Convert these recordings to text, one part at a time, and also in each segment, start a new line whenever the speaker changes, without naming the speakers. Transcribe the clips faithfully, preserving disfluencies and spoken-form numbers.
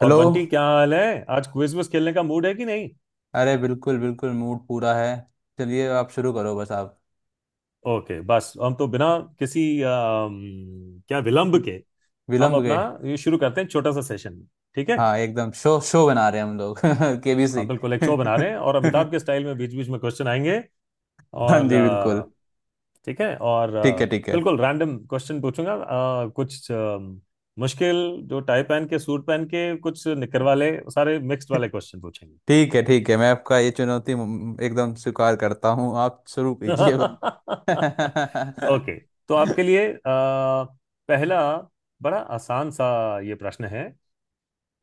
और
हेलो।
बंटी क्या हाल है आज क्विज विज खेलने का मूड है कि नहीं?
अरे, बिल्कुल बिल्कुल मूड पूरा है। चलिए, आप शुरू करो बस। आप
ओके। बस हम तो बिना किसी अम, क्या विलंब के, हम
विलंब
अपना
गए।
ये शुरू करते हैं छोटा सा सेशन। ठीक है।
हाँ, एकदम शो शो बना रहे हैं हम लोग केबीसी।
हाँ बिल्कुल, एक शो बना रहे हैं और अमिताभ के स्टाइल में बीच बीच में क्वेश्चन आएंगे।
हाँ
और
जी, बिल्कुल।
अ, ठीक है। और
ठीक
अ,
है, ठीक है,
बिल्कुल रैंडम क्वेश्चन पूछूंगा, अ, कुछ अम, मुश्किल, जो टाई पहन के सूट पहन के कुछ निकर वाले सारे मिक्स्ड वाले क्वेश्चन पूछेंगे।
ठीक है, ठीक है। मैं आपका ये चुनौती म- एकदम स्वीकार करता हूँ। आप शुरू कीजिए बस।
ओके। तो आपके लिए अ, पहला बड़ा आसान सा ये प्रश्न है।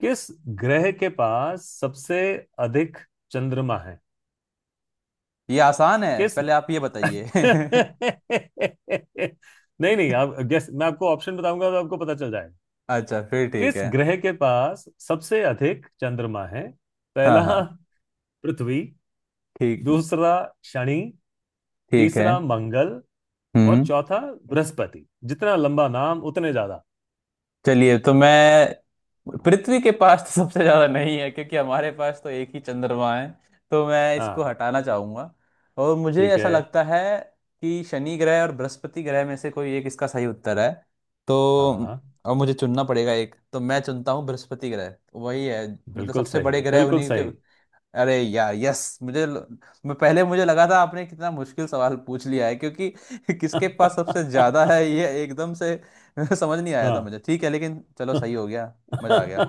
किस ग्रह के पास सबसे अधिक चंद्रमा है?
ये आसान है,
किस?
पहले आप ये बताइए।
नहीं नहीं, आप गेस। मैं आपको ऑप्शन बताऊंगा तो आपको पता चल जाएगा।
अच्छा, फिर ठीक
किस
है।
ग्रह के पास सबसे अधिक चंद्रमा है?
हाँ,
पहला
हाँ।
पृथ्वी।
ठीक।
दूसरा शनि।
ठीक है।
तीसरा मंगल। और
हम्म।
चौथा बृहस्पति। जितना लंबा नाम उतने ज्यादा।
चलिए, तो मैं पृथ्वी के पास तो सबसे ज्यादा नहीं है, क्योंकि हमारे पास तो एक ही चंद्रमा है, तो मैं इसको
हाँ।
हटाना चाहूंगा। और मुझे
ठीक
ऐसा
है।
लगता है कि शनि ग्रह और बृहस्पति ग्रह में से कोई एक इसका सही उत्तर है। तो
हाँ
अब मुझे चुनना पड़ेगा एक, तो मैं चुनता हूँ बृहस्पति ग्रह, वही है, मतलब
बिल्कुल
सबसे
सही,
बड़े ग्रह
बिल्कुल
उन्हीं के।
सही।
अरे यार, यस! मुझे ल- मैं पहले, मुझे लगा था आपने कितना मुश्किल सवाल पूछ लिया है, क्योंकि किसके पास सबसे ज्यादा
हाँ।
है ये एकदम से समझ नहीं आया था मुझे। ठीक है, लेकिन चलो सही हो गया। मजा आ गया।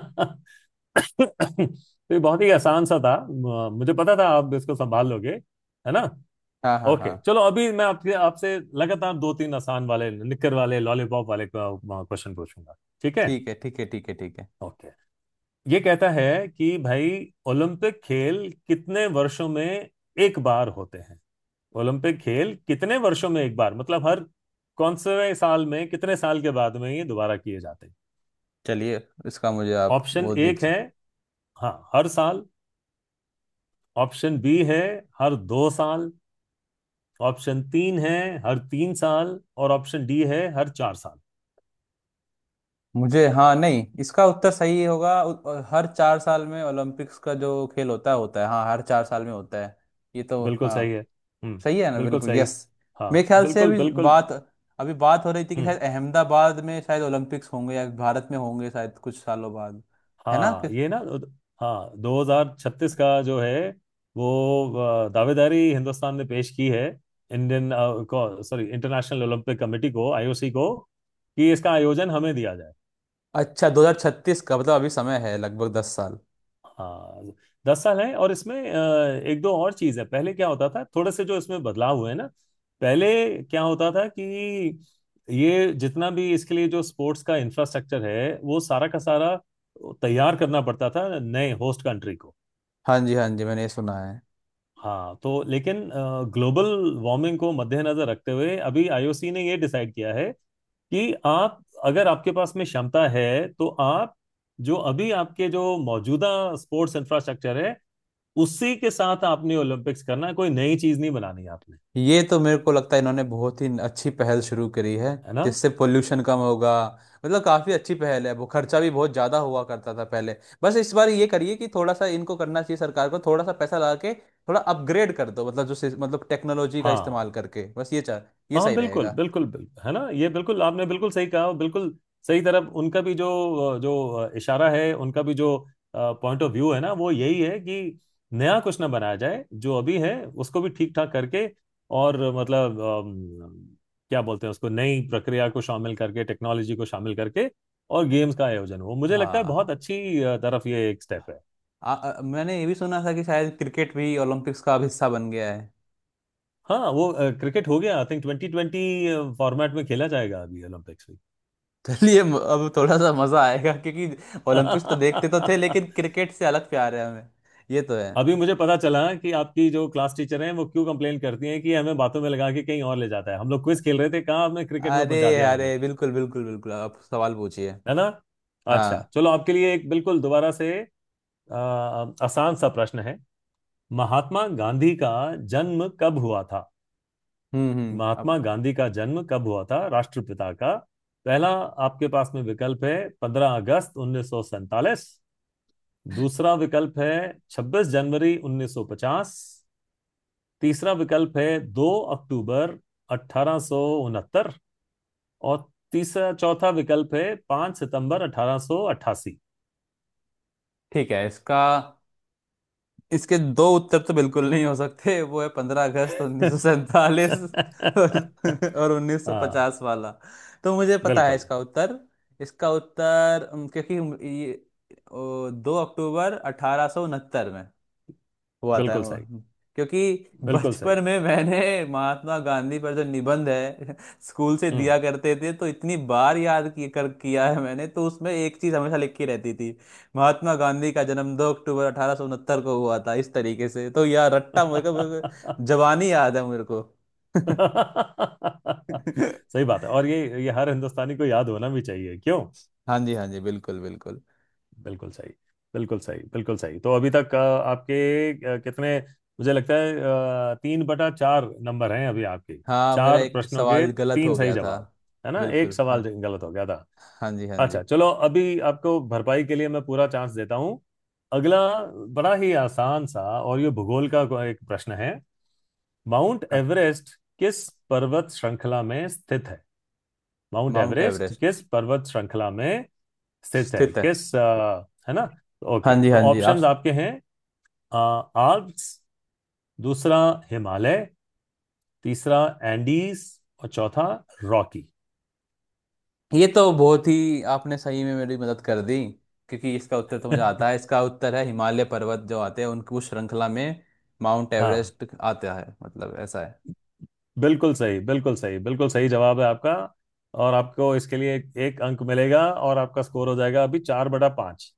तो ये बहुत ही आसान सा था, म- मुझे पता था आप इसको संभाल लोगे, है ना।
हाँ, हाँ, हाँ।
ओके चलो, अभी मैं आपके आपसे लगातार दो तीन आसान वाले निक्कर वाले लॉलीपॉप वाले क्वेश्चन पूछूंगा। ठीक है।
ठीक है, ठीक है, ठीक है, ठीक है।
ओके। ये कहता है कि भाई, ओलंपिक खेल कितने वर्षों में एक बार होते हैं? ओलंपिक खेल कितने वर्षों में एक बार, मतलब हर कौन से साल में, कितने साल के बाद में ये दोबारा किए जाते हैं?
चलिए, इसका मुझे आप
ऑप्शन
वो
एक
दीजिए।
है हाँ हर साल। ऑप्शन बी है हर दो साल। ऑप्शन तीन है हर तीन साल। और ऑप्शन डी है हर चार साल।
मुझे, हाँ, नहीं इसका उत्तर सही होगा। उ- अ, हर चार साल में ओलंपिक्स का जो खेल होता है होता है हाँ, हर चार साल में होता है। ये तो
बिल्कुल सही
हाँ,
है। हम्म।
सही है ना,
बिल्कुल
बिल्कुल।
सही।
यस!
हाँ
मेरे ख्याल से
बिल्कुल
अभी
बिल्कुल।
बात अभी बात हो रही थी कि
हम्म।
शायद अहमदाबाद में शायद ओलंपिक्स होंगे, या भारत में होंगे शायद कुछ सालों बाद। है ना?
हाँ
कि-
ये ना। हाँ दो हज़ार छत्तीस का जो है वो अ, दावेदारी हिंदुस्तान ने पेश की है। इंडियन अ, को, सॉरी, इंटरनेशनल ओलंपिक कमेटी को, आईओसी को, कि इसका आयोजन हमें दिया जाए।
अच्छा, दो हज़ार छत्तीस का मतलब अभी समय है लगभग दस साल।
हाँ दस साल है, और इसमें अ, एक दो और चीज है। पहले क्या होता था, थोड़े से जो इसमें बदलाव हुए ना। पहले क्या होता था कि ये जितना भी इसके लिए जो स्पोर्ट्स का इंफ्रास्ट्रक्चर है वो सारा का सारा तैयार करना पड़ता था नए होस्ट कंट्री को।
हाँ जी, हाँ जी, मैंने ये सुना है।
हाँ, तो लेकिन ग्लोबल वार्मिंग को मद्देनजर रखते हुए अभी आईओसी ने ये डिसाइड किया है कि आप, अगर आपके पास में क्षमता है, तो आप जो अभी आपके जो मौजूदा स्पोर्ट्स इंफ्रास्ट्रक्चर है उसी के साथ आपने ओलंपिक्स करना है। कोई नई चीज नहीं बनानी है आपने।
ये तो मेरे को लगता है इन्होंने बहुत ही अच्छी पहल शुरू करी है,
है ना।
जिससे पोल्यूशन कम होगा। मतलब काफ़ी अच्छी पहल है। वो खर्चा भी बहुत ज़्यादा हुआ करता था पहले। बस इस बार ये करिए कि थोड़ा सा इनको करना चाहिए सरकार को, थोड़ा सा पैसा लगा के थोड़ा अपग्रेड कर दो, मतलब जो सिस- मतलब टेक्नोलॉजी का
हाँ
इस्तेमाल करके, बस ये चाह, ये
हाँ
सही
बिल्कुल
रहेगा।
बिल्कुल बिल्कुल, है ना। ये बिल्कुल, आपने बिल्कुल सही कहा, और बिल्कुल सही तरफ उनका भी जो जो इशारा है, उनका भी जो पॉइंट ऑफ व्यू है ना, वो यही है कि नया कुछ ना बनाया जाए, जो अभी है उसको भी ठीक ठाक करके। और मतलब अम, क्या बोलते हैं उसको, नई प्रक्रिया को शामिल करके, टेक्नोलॉजी को शामिल करके, और गेम्स का आयोजन हो। मुझे लगता है
हाँ,
बहुत अच्छी अ, तरफ ये एक स्टेप है।
आ, आ, मैंने ये भी सुना था कि शायद क्रिकेट भी ओलंपिक्स का अब हिस्सा बन गया है।
हाँ वो क्रिकेट हो गया, I think twenty twenty format में खेला जाएगा अभी ओलंपिक्स में।
चलिए, म- अब थोड़ा सा मज़ा आएगा, क्योंकि ओलंपिक्स तो देखते तो थे, लेकिन क्रिकेट से अलग प्यार है हमें। ये तो है।
अभी मुझे पता चला कि आपकी जो क्लास टीचर हैं वो क्यों कंप्लेन करती हैं कि हमें बातों में लगा के कहीं और ले जाता है। हम लोग क्विज खेल रहे थे, कहाँ आपने क्रिकेट में
अरे,
पहुंचा दिया मुझे।
अरे, बिल्कुल बिल्कुल बिल्कुल, आप सवाल पूछिए।
है ना। अच्छा
हाँ।
चलो, आपके लिए एक बिल्कुल दोबारा से अ, आसान सा प्रश्न है। महात्मा गांधी का जन्म कब हुआ था?
हम्म, हम्म,
महात्मा
अब
गांधी का जन्म कब हुआ था, राष्ट्रपिता का? पहला आपके पास में विकल्प है पंद्रह अगस्त उन्नीस सौ सैंतालीस। दूसरा विकल्प है छब्बीस जनवरी उन्नीस सौ पचास। तीसरा विकल्प है दो अक्टूबर अठारह सौ उनहत्तर। और तीसरा चौथा विकल्प है पाँच सितंबर अठारह सौ अठासी।
ठीक है। इसका इसके दो उत्तर तो बिल्कुल नहीं हो सकते, वो है पंद्रह अगस्त उन्नीस सौ सैंतालीस, और और उन्नीस सौ
हाँ
पचास वाला। तो मुझे पता है
बिल्कुल,
इसका उत्तर। इसका उत्तर, उम, क्योंकि ये ओ, दो अक्टूबर अठारह सौ उनहत्तर में हुआ था
बिल्कुल
वो।
सही,
क्योंकि
बिल्कुल सही।
बचपन में मैंने महात्मा गांधी पर जो निबंध है स्कूल से
हम्म।
दिया करते थे, तो इतनी बार याद किया कर किया है मैंने, तो उसमें एक चीज हमेशा लिखी रहती थी। महात्मा गांधी का जन्म दो अक्टूबर अठारह सौ उनहत्तर को हुआ था। इस तरीके से तो यार रट्टा मेरे को, मेरे को- जवानी याद है मेरे को।
सही बात है। और ये ये हर हिंदुस्तानी को याद होना भी चाहिए, क्यों?
हाँ जी, हाँ जी, बिल्कुल बिल्कुल।
बिल्कुल सही, बिल्कुल सही, बिल्कुल सही। तो अभी तक अ, आपके अ, कितने, मुझे लगता है अ, तीन बटा चार नंबर हैं अभी आपके।
हाँ, मेरा
चार
एक
प्रश्नों के
सवाल गलत
तीन
हो
सही
गया था।
जवाब, है ना। एक
बिल्कुल, हाँ।
सवाल जो गलत हो गया था।
हाँ जी, हाँ जी।
अच्छा चलो, अभी आपको भरपाई के लिए मैं पूरा चांस देता हूँ। अगला बड़ा ही आसान सा, और ये भूगोल का को- एक प्रश्न है। माउंट
हाँ।
एवरेस्ट किस पर्वत श्रृंखला में स्थित है? माउंट
माउंट
एवरेस्ट
एवरेस्ट
किस पर्वत श्रृंखला में स्थित है,
स्थित है।
किस अ, है ना।
हाँ
ओके।
जी,
तो
हाँ जी। आप,
ऑप्शंस आपके हैं आल्प्स। दूसरा हिमालय। तीसरा एंडीज। और चौथा रॉकी।
ये तो बहुत ही आपने सही में मेरी मदद कर दी, क्योंकि इसका उत्तर तो मुझे आता है। इसका उत्तर है हिमालय पर्वत। जो आते हैं उनकी उस श्रृंखला में माउंट
हाँ
एवरेस्ट आता है, मतलब ऐसा है।
बिल्कुल सही, बिल्कुल सही, बिल्कुल सही जवाब है आपका। और आपको इसके लिए एक, एक अंक मिलेगा, और आपका स्कोर हो जाएगा अभी चार बटा पाँच।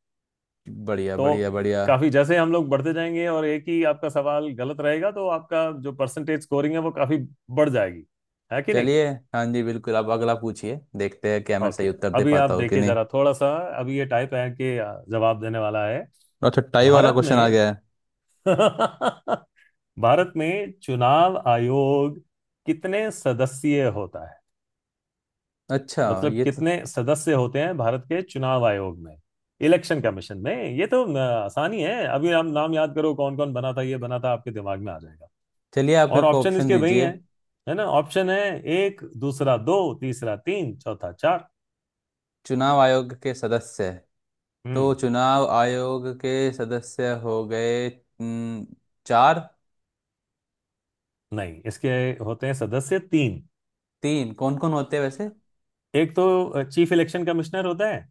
बढ़िया,
तो
बढ़िया, बढ़िया।
काफी, जैसे हम लोग बढ़ते जाएंगे और एक ही आपका सवाल गलत रहेगा, तो आपका जो परसेंटेज स्कोरिंग है वो काफी बढ़ जाएगी, है कि नहीं।
चलिए, हाँ जी, बिल्कुल, आप अगला पूछिए। देखते हैं क्या मैं
ओके।
सही उत्तर दे
अभी आप
पाता हूँ कि
देखिए
नहीं।
जरा थोड़ा सा। अभी ये टाइप है कि जवाब देने वाला है।
अच्छा, टाई वाला
भारत
क्वेश्चन आ
में
गया है।
भारत में चुनाव आयोग कितने सदस्यीय होता है?
अच्छा,
मतलब
ये तो,
कितने सदस्य होते हैं भारत के चुनाव आयोग में, इलेक्शन कमीशन में। ये तो न, आसानी है, अभी हम नाम याद करो कौन कौन बना था, ये बना था, आपके दिमाग में आ जाएगा।
चलिए आप मेरे
और
को
ऑप्शन
ऑप्शन
इसके वही है
दीजिए।
है ना। ऑप्शन है एक, दूसरा दो, तीसरा तीन, चौथा चार।
चुनाव आयोग के सदस्य? तो
हम्म।
चुनाव आयोग के सदस्य हो गए, हम्म, चार।
नहीं, इसके होते हैं सदस्य तीन।
तीन? कौन कौन होते हैं वैसे?
एक तो चीफ इलेक्शन कमिश्नर होता है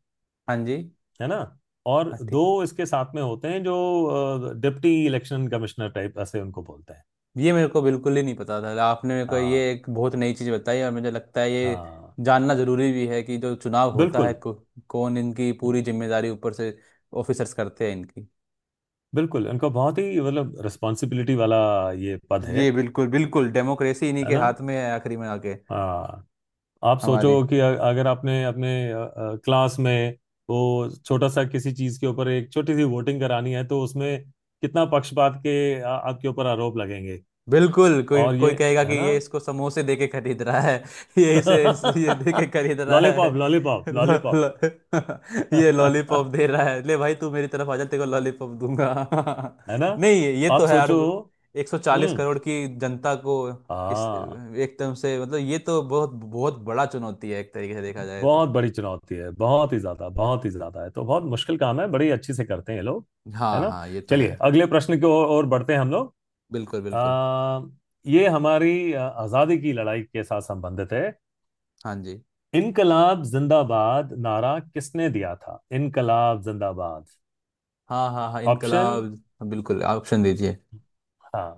हाँ जी।
है ना। और दो इसके साथ में होते हैं जो डिप्टी इलेक्शन कमिश्नर टाइप ऐसे उनको बोलते हैं।
ये मेरे को बिल्कुल ही नहीं पता था, आपने मेरे को ये
हाँ
एक बहुत नई चीज़ बताई, और मुझे लगता है ये
हाँ
जानना जरूरी भी है कि जो चुनाव होता है
बिल्कुल।
को, कौन इनकी पूरी जिम्मेदारी ऊपर से ऑफिसर्स करते हैं इनकी।
बिल्कुल उनको बहुत ही, मतलब, रिस्पॉन्सिबिलिटी वाला ये पद है।
ये बिल्कुल बिल्कुल डेमोक्रेसी इन्हीं
है
के
ना।
हाथ में है आखिरी में आके।
हाँ आप सोचो
हमारे।
कि अ- अगर आपने अपने क्लास में वो छोटा सा किसी चीज के ऊपर एक छोटी सी वोटिंग करानी है, तो उसमें कितना पक्षपात के आ, आपके ऊपर आरोप लगेंगे।
बिल्कुल। कोई
और ये,
कोई कहेगा कि
है ना।
ये इसको समोसे दे के खरीद रहा है। ये इसे इसे ये दे के खरीद रहा है।
लॉलीपॉप लॉलीपॉप
लो,
लॉलीपॉप।
लो, ये लॉलीपॉप दे रहा है, ले भाई तू मेरी तरफ आ जा, तेरे को लॉलीपॉप दूंगा।
है ना।
नहीं, ये ये तो
आप
है यार,
सोचो।
एक सौ चालीस
हम्म।
करोड़ की जनता को इस
हाँ।
एकदम से, मतलब ये तो बहुत बहुत बड़ा चुनौती है एक तरीके से देखा जाए तो।
बहुत बड़ी चुनौती है, बहुत ही ज्यादा, बहुत ही ज्यादा है, तो बहुत मुश्किल काम है, बड़ी अच्छी से करते हैं ये लोग, है
हाँ,
ना।
हाँ, ये तो है।
चलिए, अगले प्रश्न की ओर ओर बढ़ते हैं हम लोग।
बिल्कुल बिल्कुल।
आ, ये हमारी अ, आजादी की लड़ाई के साथ संबंधित है।
हाँ जी।
इनकलाब जिंदाबाद नारा किसने दिया था, इनकलाब जिंदाबाद?
हाँ, हाँ, हाँ,
ऑप्शन,
इनकलाब। बिल्कुल, ऑप्शन दीजिए।
हाँ।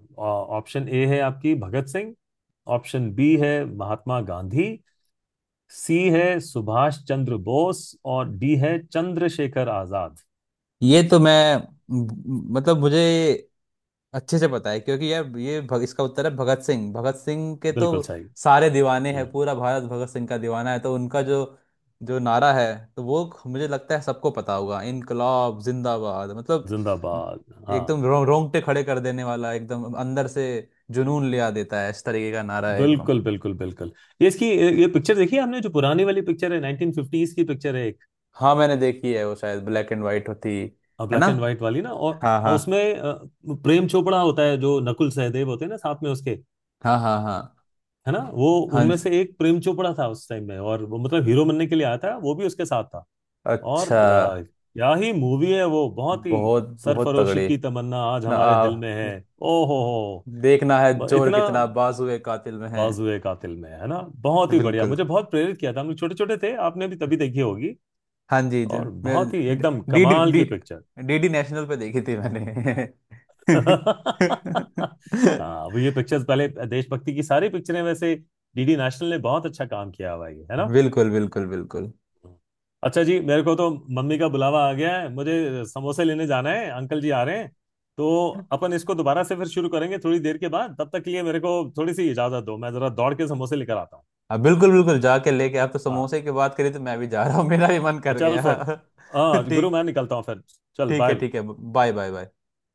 ऑप्शन ए है आपकी भगत सिंह। ऑप्शन बी है महात्मा गांधी। सी है सुभाष चंद्र बोस। और डी है चंद्रशेखर आजाद।
ये तो मैं, म- मतलब मुझे अच्छे से पता है, क्योंकि यार ये भग, इसका उत्तर है भगत सिंह। भगत सिंह के तो
बिल्कुल सही।
सारे दीवाने
हम्म,
हैं, पूरा भारत भगत सिंह का दीवाना है, तो उनका जो जो नारा है, तो वो मुझे लगता है सबको पता होगा। इनकलाब जिंदाबाद, मतलब
जिंदाबाद, हाँ,
एकदम रो, रोंगटे खड़े कर देने वाला, एकदम अंदर से जुनून ले आ देता है। इस तरीके का नारा है एकदम।
बिल्कुल बिल्कुल बिल्कुल। ये इसकी ये पिक्चर देखिए, आपने जो पुरानी वाली पिक्चर है नाइन्टीन फिफ्टीज़ की पिक्चर है एक,
हाँ, मैंने देखी है। वो शायद ब्लैक एंड वाइट होती। है ना?
ब्लैक एंड व्हाइट वाली ना। और
हाँ,
हाँ,
हाँ।
उसमें अ, प्रेम चोपड़ा होता है, जो नकुल सहदेव होते हैं ना साथ में उसके,
हाँ, हाँ, हाँ।
है ना। वो
हाँ
उनमें से एक प्रेम चोपड़ा था उस टाइम में, और वो मतलब हीरो बनने के लिए आया था, वो भी उसके साथ था। और
अच्छा।
आ, क्या ही मूवी है वो, बहुत ही।
बहुत बहुत
सरफरोशी
तगड़ी।
की तमन्ना आज
ना,
हमारे
आ,
दिल में है। ओ हो हो।
देखना है
ब-
जोर
इतना
कितना बाजुए कातिल में है।
बाजुए कातिल में है ना। बहुत ही बढ़िया,
बिल्कुल।
मुझे बहुत प्रेरित किया था। हम लोग छोटे छोटे थे, आपने भी तभी देखी होगी।
हाँ जी, जी।
और
मैं,
बहुत ही एकदम
डी डी
कमाल
डी
की पिक्चर।
डीडी नेशनल पे देखी थी मैंने।
हाँ, अब ये पिक्चर्स पहले देशभक्ति की सारी पिक्चरें वैसे डीडी नेशनल ने बहुत अच्छा काम किया हुआ है ये, है ना।
बिल्कुल बिल्कुल बिल्कुल।
अच्छा जी, मेरे को तो मम्मी का बुलावा आ गया है, मुझे समोसे लेने जाना है, अंकल जी आ रहे हैं। तो अपन इसको दोबारा से फिर शुरू करेंगे थोड़ी देर के बाद, तब तक के लिए मेरे को थोड़ी सी इजाजत दो, मैं जरा दौड़ के समोसे लेकर आता हूँ।
अब, बिल्कुल बिल्कुल। जाके लेके आप, तो
हाँ।
समोसे की बात करी तो मैं भी जा रहा हूँ, मेरा भी मन कर
चल
गया।
फिर। हाँ गुरु
ठीक।
मैं निकलता हूँ फिर। चल
ठीक है,
बाय।
ठीक है। Bye, bye, bye.